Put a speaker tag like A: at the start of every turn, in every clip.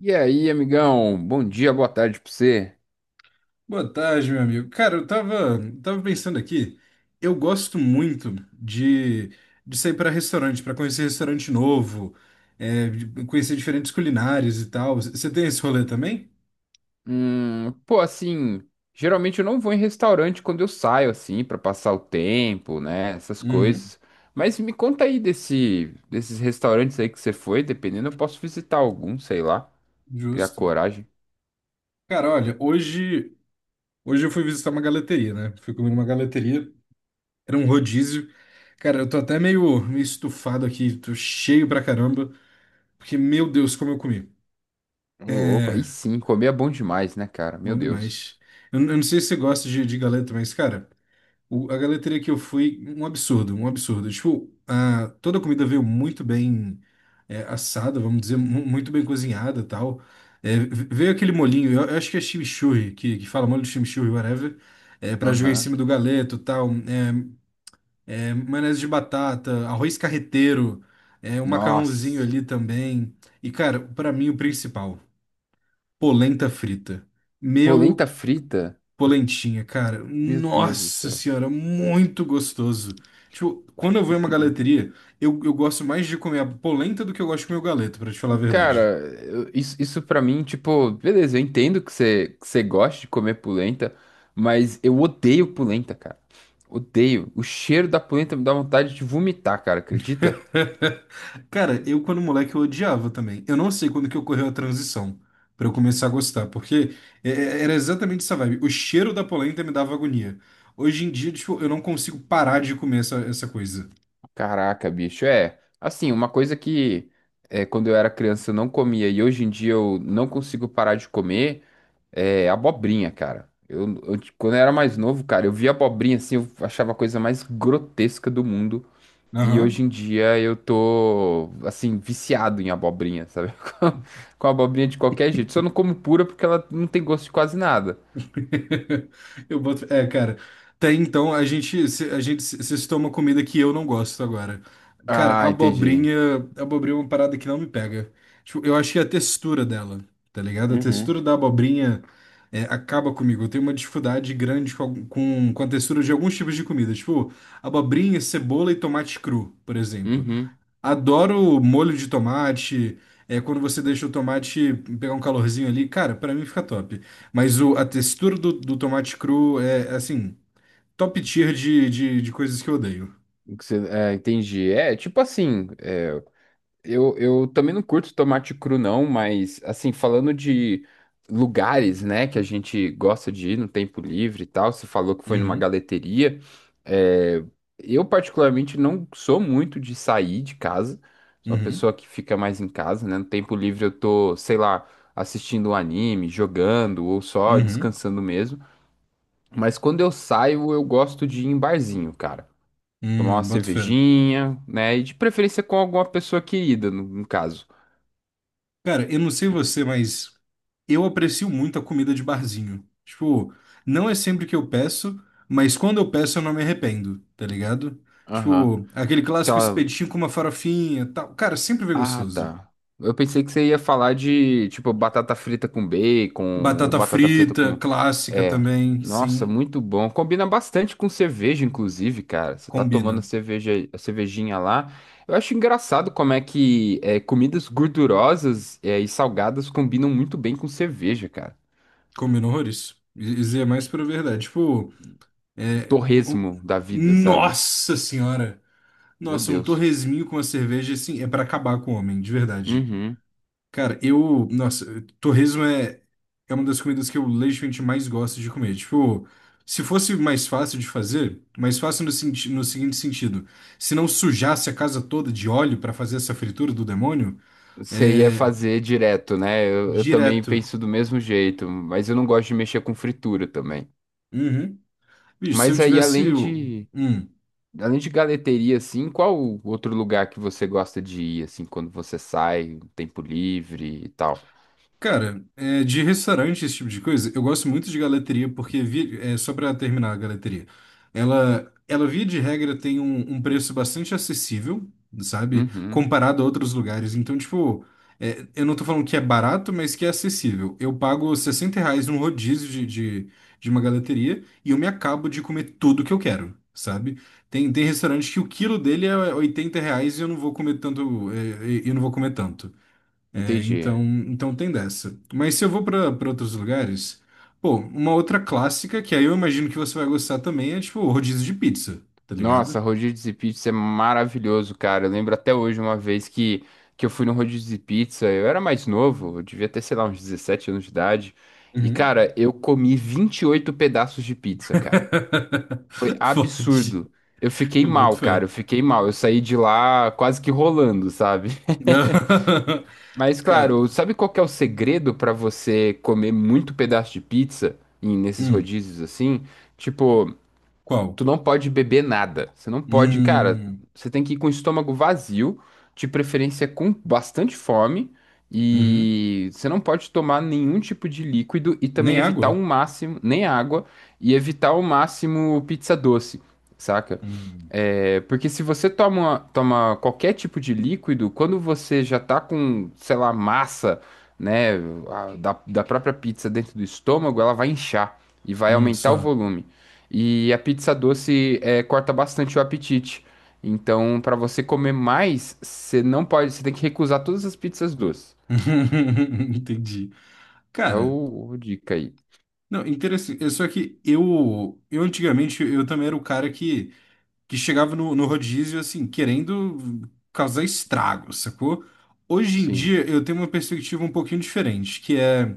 A: E aí, amigão? Bom dia, boa tarde pra você.
B: Boa tarde, meu amigo. Cara, eu tava pensando aqui, eu gosto muito de sair para restaurante, para conhecer restaurante novo, de conhecer diferentes culinárias e tal. Você tem esse rolê também?
A: Assim, geralmente eu não vou em restaurante quando eu saio, assim, pra passar o tempo, né? Essas
B: Uhum,
A: coisas. Mas me conta aí desses restaurantes aí que você foi, dependendo, eu posso visitar algum, sei lá, criar
B: justo.
A: coragem.
B: Cara, olha, hoje eu fui visitar uma galeteria, né? Fui comer numa galeteria, era um rodízio. Cara, eu tô até meio estufado aqui, tô cheio pra caramba, porque, meu Deus, como eu comi.
A: Ô, louco, aí
B: É,
A: sim, comer é bom demais, né, cara? Meu
B: bom
A: Deus.
B: demais. Eu não sei se você gosta de galeta, mas, cara. A galeteria que eu fui, um absurdo, um absurdo. Tipo, a, toda a comida veio muito bem, assada, vamos dizer, muito bem cozinhada e tal. É, veio aquele molhinho, eu acho que é chimichurri, que fala molho de chimichurri, whatever, para jogar em
A: Aham.
B: cima do galeto e tal. Maionese de batata, arroz carreteiro, um macarrãozinho
A: Nossa,
B: ali também. E, cara, pra mim o principal, polenta frita.
A: polenta
B: Meu.
A: frita?
B: Polentinha, cara.
A: Meu Deus do
B: Nossa
A: céu.
B: senhora, muito gostoso. Tipo, quando eu vou em uma galeteria, eu gosto mais de comer a polenta do que eu gosto de comer o galeto, pra te falar a verdade.
A: Cara, isso pra mim, tipo, beleza, eu entendo que que você gosta de comer polenta, mas eu odeio polenta, cara. Odeio. O cheiro da polenta me dá vontade de vomitar, cara, acredita?
B: Cara, eu quando moleque eu odiava também. Eu não sei quando que ocorreu a transição pra eu começar a gostar, porque era exatamente essa vibe. O cheiro da polenta me dava agonia. Hoje em dia, tipo, eu não consigo parar de comer essa coisa.
A: Caraca, bicho, é. Assim, uma coisa que é, quando eu era criança eu não comia e hoje em dia eu não consigo parar de comer é abobrinha, cara. Quando eu era mais novo, cara, eu via abobrinha assim, eu achava a coisa mais grotesca do mundo. E
B: Aham.
A: hoje em dia eu tô, assim, viciado em abobrinha, sabe? Com com abobrinha de qualquer jeito. Só não como pura porque ela não tem gosto de quase nada.
B: Eu boto. É, cara. Tem então, a gente, cê citou uma comida que eu não gosto agora. Cara,
A: Ah, entendi.
B: abobrinha é uma parada que não me pega. Tipo, eu achei a textura dela, tá ligado? A
A: Uhum.
B: textura da abobrinha acaba comigo. Eu tenho uma dificuldade grande com, com a textura de alguns tipos de comida. Tipo, abobrinha, cebola e tomate cru, por exemplo.
A: Uhum.
B: Adoro molho de tomate. É quando você deixa o tomate pegar um calorzinho ali. Cara, pra mim fica top. Mas o, a textura do tomate cru é, assim, top tier de coisas que eu odeio.
A: O que é, entendi. É, tipo assim, eu também não curto tomate cru, não, mas assim, falando de lugares, né, que a gente gosta de ir no tempo livre e tal, você falou que foi numa
B: Uhum,
A: galeteria. É, eu, particularmente, não sou muito de sair de casa, sou uma
B: uhum,
A: pessoa que fica mais em casa, né? No tempo livre eu tô, sei lá, assistindo um anime, jogando ou só
B: uhum.
A: descansando mesmo. Mas quando eu saio, eu gosto de ir em barzinho, cara. Tomar uma
B: Boto fé.
A: cervejinha, né? E de preferência com alguma pessoa querida, no caso.
B: Cara, eu não sei você, mas eu aprecio muito a comida de barzinho. Tipo, não é sempre que eu peço, mas quando eu peço eu não me arrependo, tá ligado?
A: Aham.
B: Tipo, aquele clássico
A: Aquela.
B: espetinho com uma farofinha, tal. Cara, sempre vem
A: Ah,
B: gostoso.
A: tá. Eu pensei que você ia falar de, tipo, batata frita com bacon, ou
B: Batata
A: batata frita
B: frita,
A: com.
B: clássica
A: É.
B: também,
A: Nossa,
B: sim,
A: muito bom. Combina bastante com cerveja, inclusive, cara. Você tá tomando a
B: combina.
A: cerveja, a cervejinha lá. Eu acho engraçado como é que é, comidas gordurosas é, e salgadas combinam muito bem com cerveja, cara.
B: Combina horrores. Isso é mais pra verdade. Tipo,
A: Um
B: é, o-
A: torresmo da vida, sabe?
B: nossa senhora!
A: Meu
B: Nossa, um
A: Deus.
B: torresminho com a cerveja, assim, é pra acabar com o homem, de verdade.
A: Uhum.
B: Cara, eu. Nossa, torresmo é uma das comidas que eu legitimamente mais gosto de comer. Tipo, se fosse mais fácil de fazer, mais fácil no, no seguinte sentido: se não sujasse a casa toda de óleo pra fazer essa fritura do demônio,
A: Você ia
B: é.
A: fazer direto, né? Eu também
B: Direto.
A: penso do mesmo jeito, mas eu não gosto de mexer com fritura também.
B: Uhum. Bicho, se eu
A: Mas aí,
B: tivesse. Hum.
A: além de galeteria, assim, qual o outro lugar que você gosta de ir, assim, quando você sai, um tempo livre e tal?
B: Cara, é, de restaurante, esse tipo de coisa, eu gosto muito de galeteria, porque, vi, é, só pra terminar a galeteria, ela via de regra tem um, um preço bastante acessível, sabe?
A: Uhum,
B: Comparado a outros lugares. Então, tipo, é, eu não tô falando que é barato, mas que é acessível. Eu pago R$ 60 num rodízio de uma galeteria e eu me acabo de comer tudo que eu quero. Sabe? Tem restaurante que o quilo dele é R$ 80 e eu não vou comer tanto, e eu não vou comer tanto. É,
A: entendi.
B: então, então tem dessa. Mas se eu vou pra outros lugares, pô, uma outra clássica, que aí eu imagino que você vai gostar também, é tipo o rodízio de pizza, tá ligado?
A: Nossa, rodízio de pizza é maravilhoso, cara. Eu lembro até hoje uma vez que eu fui no rodízio de pizza, eu era mais novo, eu devia ter, sei lá, uns 17 anos de idade. E,
B: Uhum.
A: cara, eu comi 28 pedaços de pizza, cara. Foi
B: Pode.
A: absurdo. Eu fiquei
B: Eu boto
A: mal, cara.
B: fé.
A: Eu fiquei mal. Eu saí de lá quase que rolando, sabe? Mas claro,
B: Cara,
A: sabe qual que é o segredo pra você comer muito pedaço de pizza em nesses
B: hum,
A: rodízios assim? Tipo,
B: qual?
A: tu não pode beber nada. Você não pode, cara.
B: Hum,
A: Você tem que ir com o estômago vazio, de preferência com bastante fome,
B: uhum.
A: e você não pode tomar nenhum tipo de líquido e também
B: Nem
A: evitar o
B: água?
A: máximo, nem água, e evitar o máximo pizza doce, saca?
B: Hum,
A: É, porque se você toma qualquer tipo de líquido, quando você já tá com, sei lá, massa, né, da própria pizza dentro do estômago, ela vai inchar e vai aumentar o
B: só.
A: volume. E a pizza doce é, corta bastante o apetite. Então, para você comer mais, você não pode, você tem que recusar todas as pizzas doces.
B: Entendi.
A: É
B: Cara,
A: o dica aí.
B: não, interessante. É só que eu antigamente, eu também era o cara que chegava no rodízio, assim, querendo causar estrago, sacou? Hoje em
A: Sim.
B: dia eu tenho uma perspectiva um pouquinho diferente, que é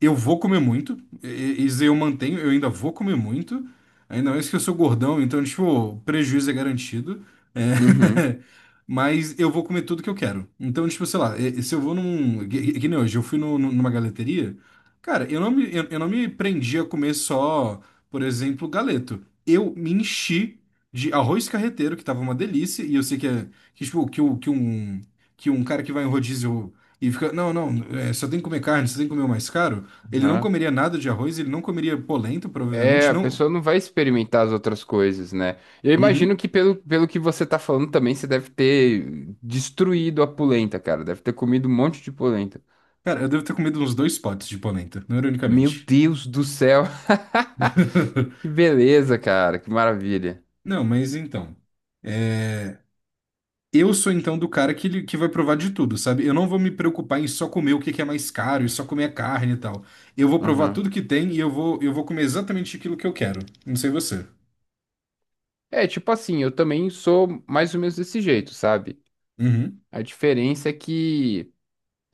B: eu vou comer muito, isso aí eu mantenho, eu ainda vou comer muito, ainda mais que eu sou gordão, então, tipo, o prejuízo é garantido, é.
A: Uhum.
B: Mas eu vou comer tudo que eu quero. Então, tipo, sei lá, se eu vou num. Que, nem hoje, eu fui numa galeteria, cara, eu não me prendi a comer só, por exemplo, galeto. Eu me enchi de arroz carreteiro, que tava uma delícia, e eu sei que é. Que, tipo, que, que um, cara que vai em rodízio. E fica, não, não, é, só tem que comer carne, só tem que comer o mais caro. Ele não
A: Aham.
B: comeria nada de arroz, ele não comeria polenta,
A: É,
B: provavelmente,
A: a
B: não.
A: pessoa não vai experimentar as outras coisas, né? Eu imagino
B: Uhum.
A: que pelo que você tá falando também, você deve ter destruído a polenta, cara. Deve ter comido um monte de polenta.
B: Cara, eu devo ter comido uns dois potes de polenta, não
A: Meu
B: ironicamente.
A: Deus do céu! Que beleza, cara. Que maravilha.
B: Não, mas então, é, eu sou então do cara que, que vai provar de tudo, sabe? Eu não vou me preocupar em só comer o que que é mais caro e só comer a carne e tal. Eu vou provar
A: Aham.
B: tudo que tem e eu vou comer exatamente aquilo que eu quero. Não sei você.
A: É, tipo assim, eu também sou mais ou menos desse jeito, sabe?
B: Uhum.
A: A diferença é que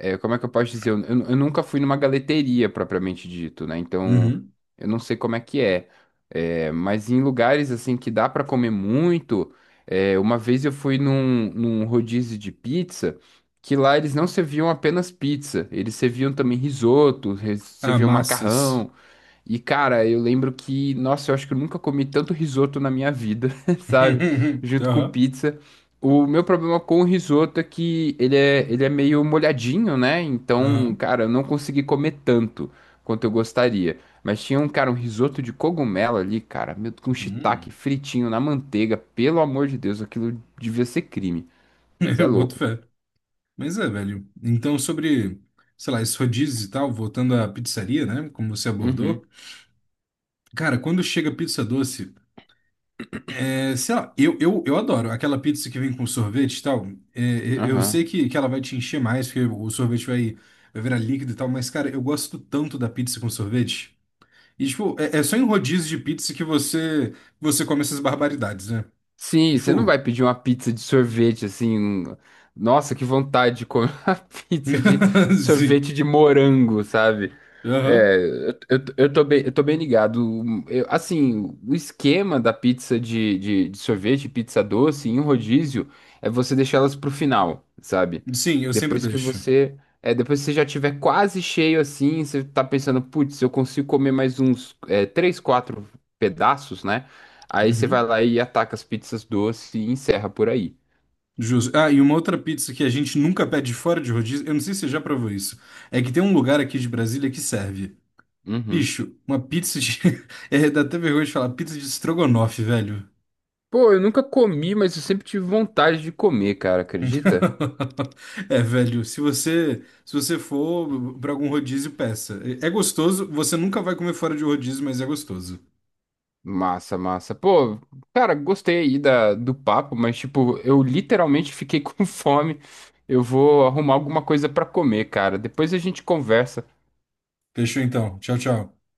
A: é, como é que eu posso dizer? Eu nunca fui numa galeteria propriamente dito, né? Então,
B: Uhum.
A: eu não sei como é que é. É, mas em lugares assim que dá pra comer muito, é, uma vez eu fui num rodízio de pizza, que lá eles não serviam apenas pizza, eles serviam também risoto,
B: Ah,
A: serviam
B: massas.
A: macarrão. E, cara, eu lembro que, nossa, eu acho que eu nunca comi tanto risoto na minha vida, sabe? Junto com
B: Aham.
A: pizza. O meu problema com o risoto é que ele é meio molhadinho, né? Então,
B: Aham.
A: cara, eu não consegui comer tanto quanto eu gostaria. Mas tinha um, cara, um risoto de cogumelo ali, cara, meu, com shiitake
B: Hum.
A: fritinho na manteiga. Pelo amor de Deus, aquilo devia ser crime. Você é
B: Eu boto
A: louco.
B: fé. Mas é, velho. Então, sobre, sei lá, esses rodízios e tal, voltando à pizzaria, né? Como você
A: Uhum,
B: abordou. Cara, quando chega pizza doce, é, sei lá, eu adoro aquela pizza que vem com sorvete e tal. Eu sei
A: aham.
B: que ela vai te encher mais, porque o sorvete vai, vai virar líquido e tal, mas, cara, eu gosto tanto da pizza com sorvete. E, tipo, é só em rodízio de pizza que você come essas barbaridades, né?
A: Sim, você não
B: Tipo.
A: vai pedir uma pizza de sorvete assim. Um- Nossa, que vontade de comer uma pizza de
B: Sim.
A: sorvete de morango, sabe?
B: Aham.
A: É, eu tô eu tô bem ligado. Assim, o esquema da pizza de sorvete, pizza doce em um rodízio é você deixar elas pro final, sabe?
B: Sim, eu sempre
A: Depois que
B: deixo.
A: você. É, depois que você já tiver quase cheio assim, você tá pensando, putz, eu consigo comer mais uns, é, três, quatro pedaços, né? Aí você vai
B: Uhum.
A: lá e ataca as pizzas doces e encerra por aí.
B: Justo. Ah, e uma outra pizza que a gente nunca pede fora de rodízio, eu não sei se você já provou isso, é que tem um lugar aqui de Brasília que serve.
A: Uhum.
B: Bicho, uma pizza de. É, dá até vergonha de falar, pizza de estrogonofe, velho.
A: Pô, eu nunca comi, mas eu sempre tive vontade de comer, cara, acredita?
B: É, velho, se você for pra algum rodízio, peça. É gostoso, você nunca vai comer fora de rodízio, mas é gostoso.
A: Massa, massa. Pô, cara, gostei aí do papo, mas tipo, eu literalmente fiquei com fome. Eu vou arrumar alguma coisa pra comer, cara. Depois a gente conversa.
B: Fechou então. Tchau, tchau.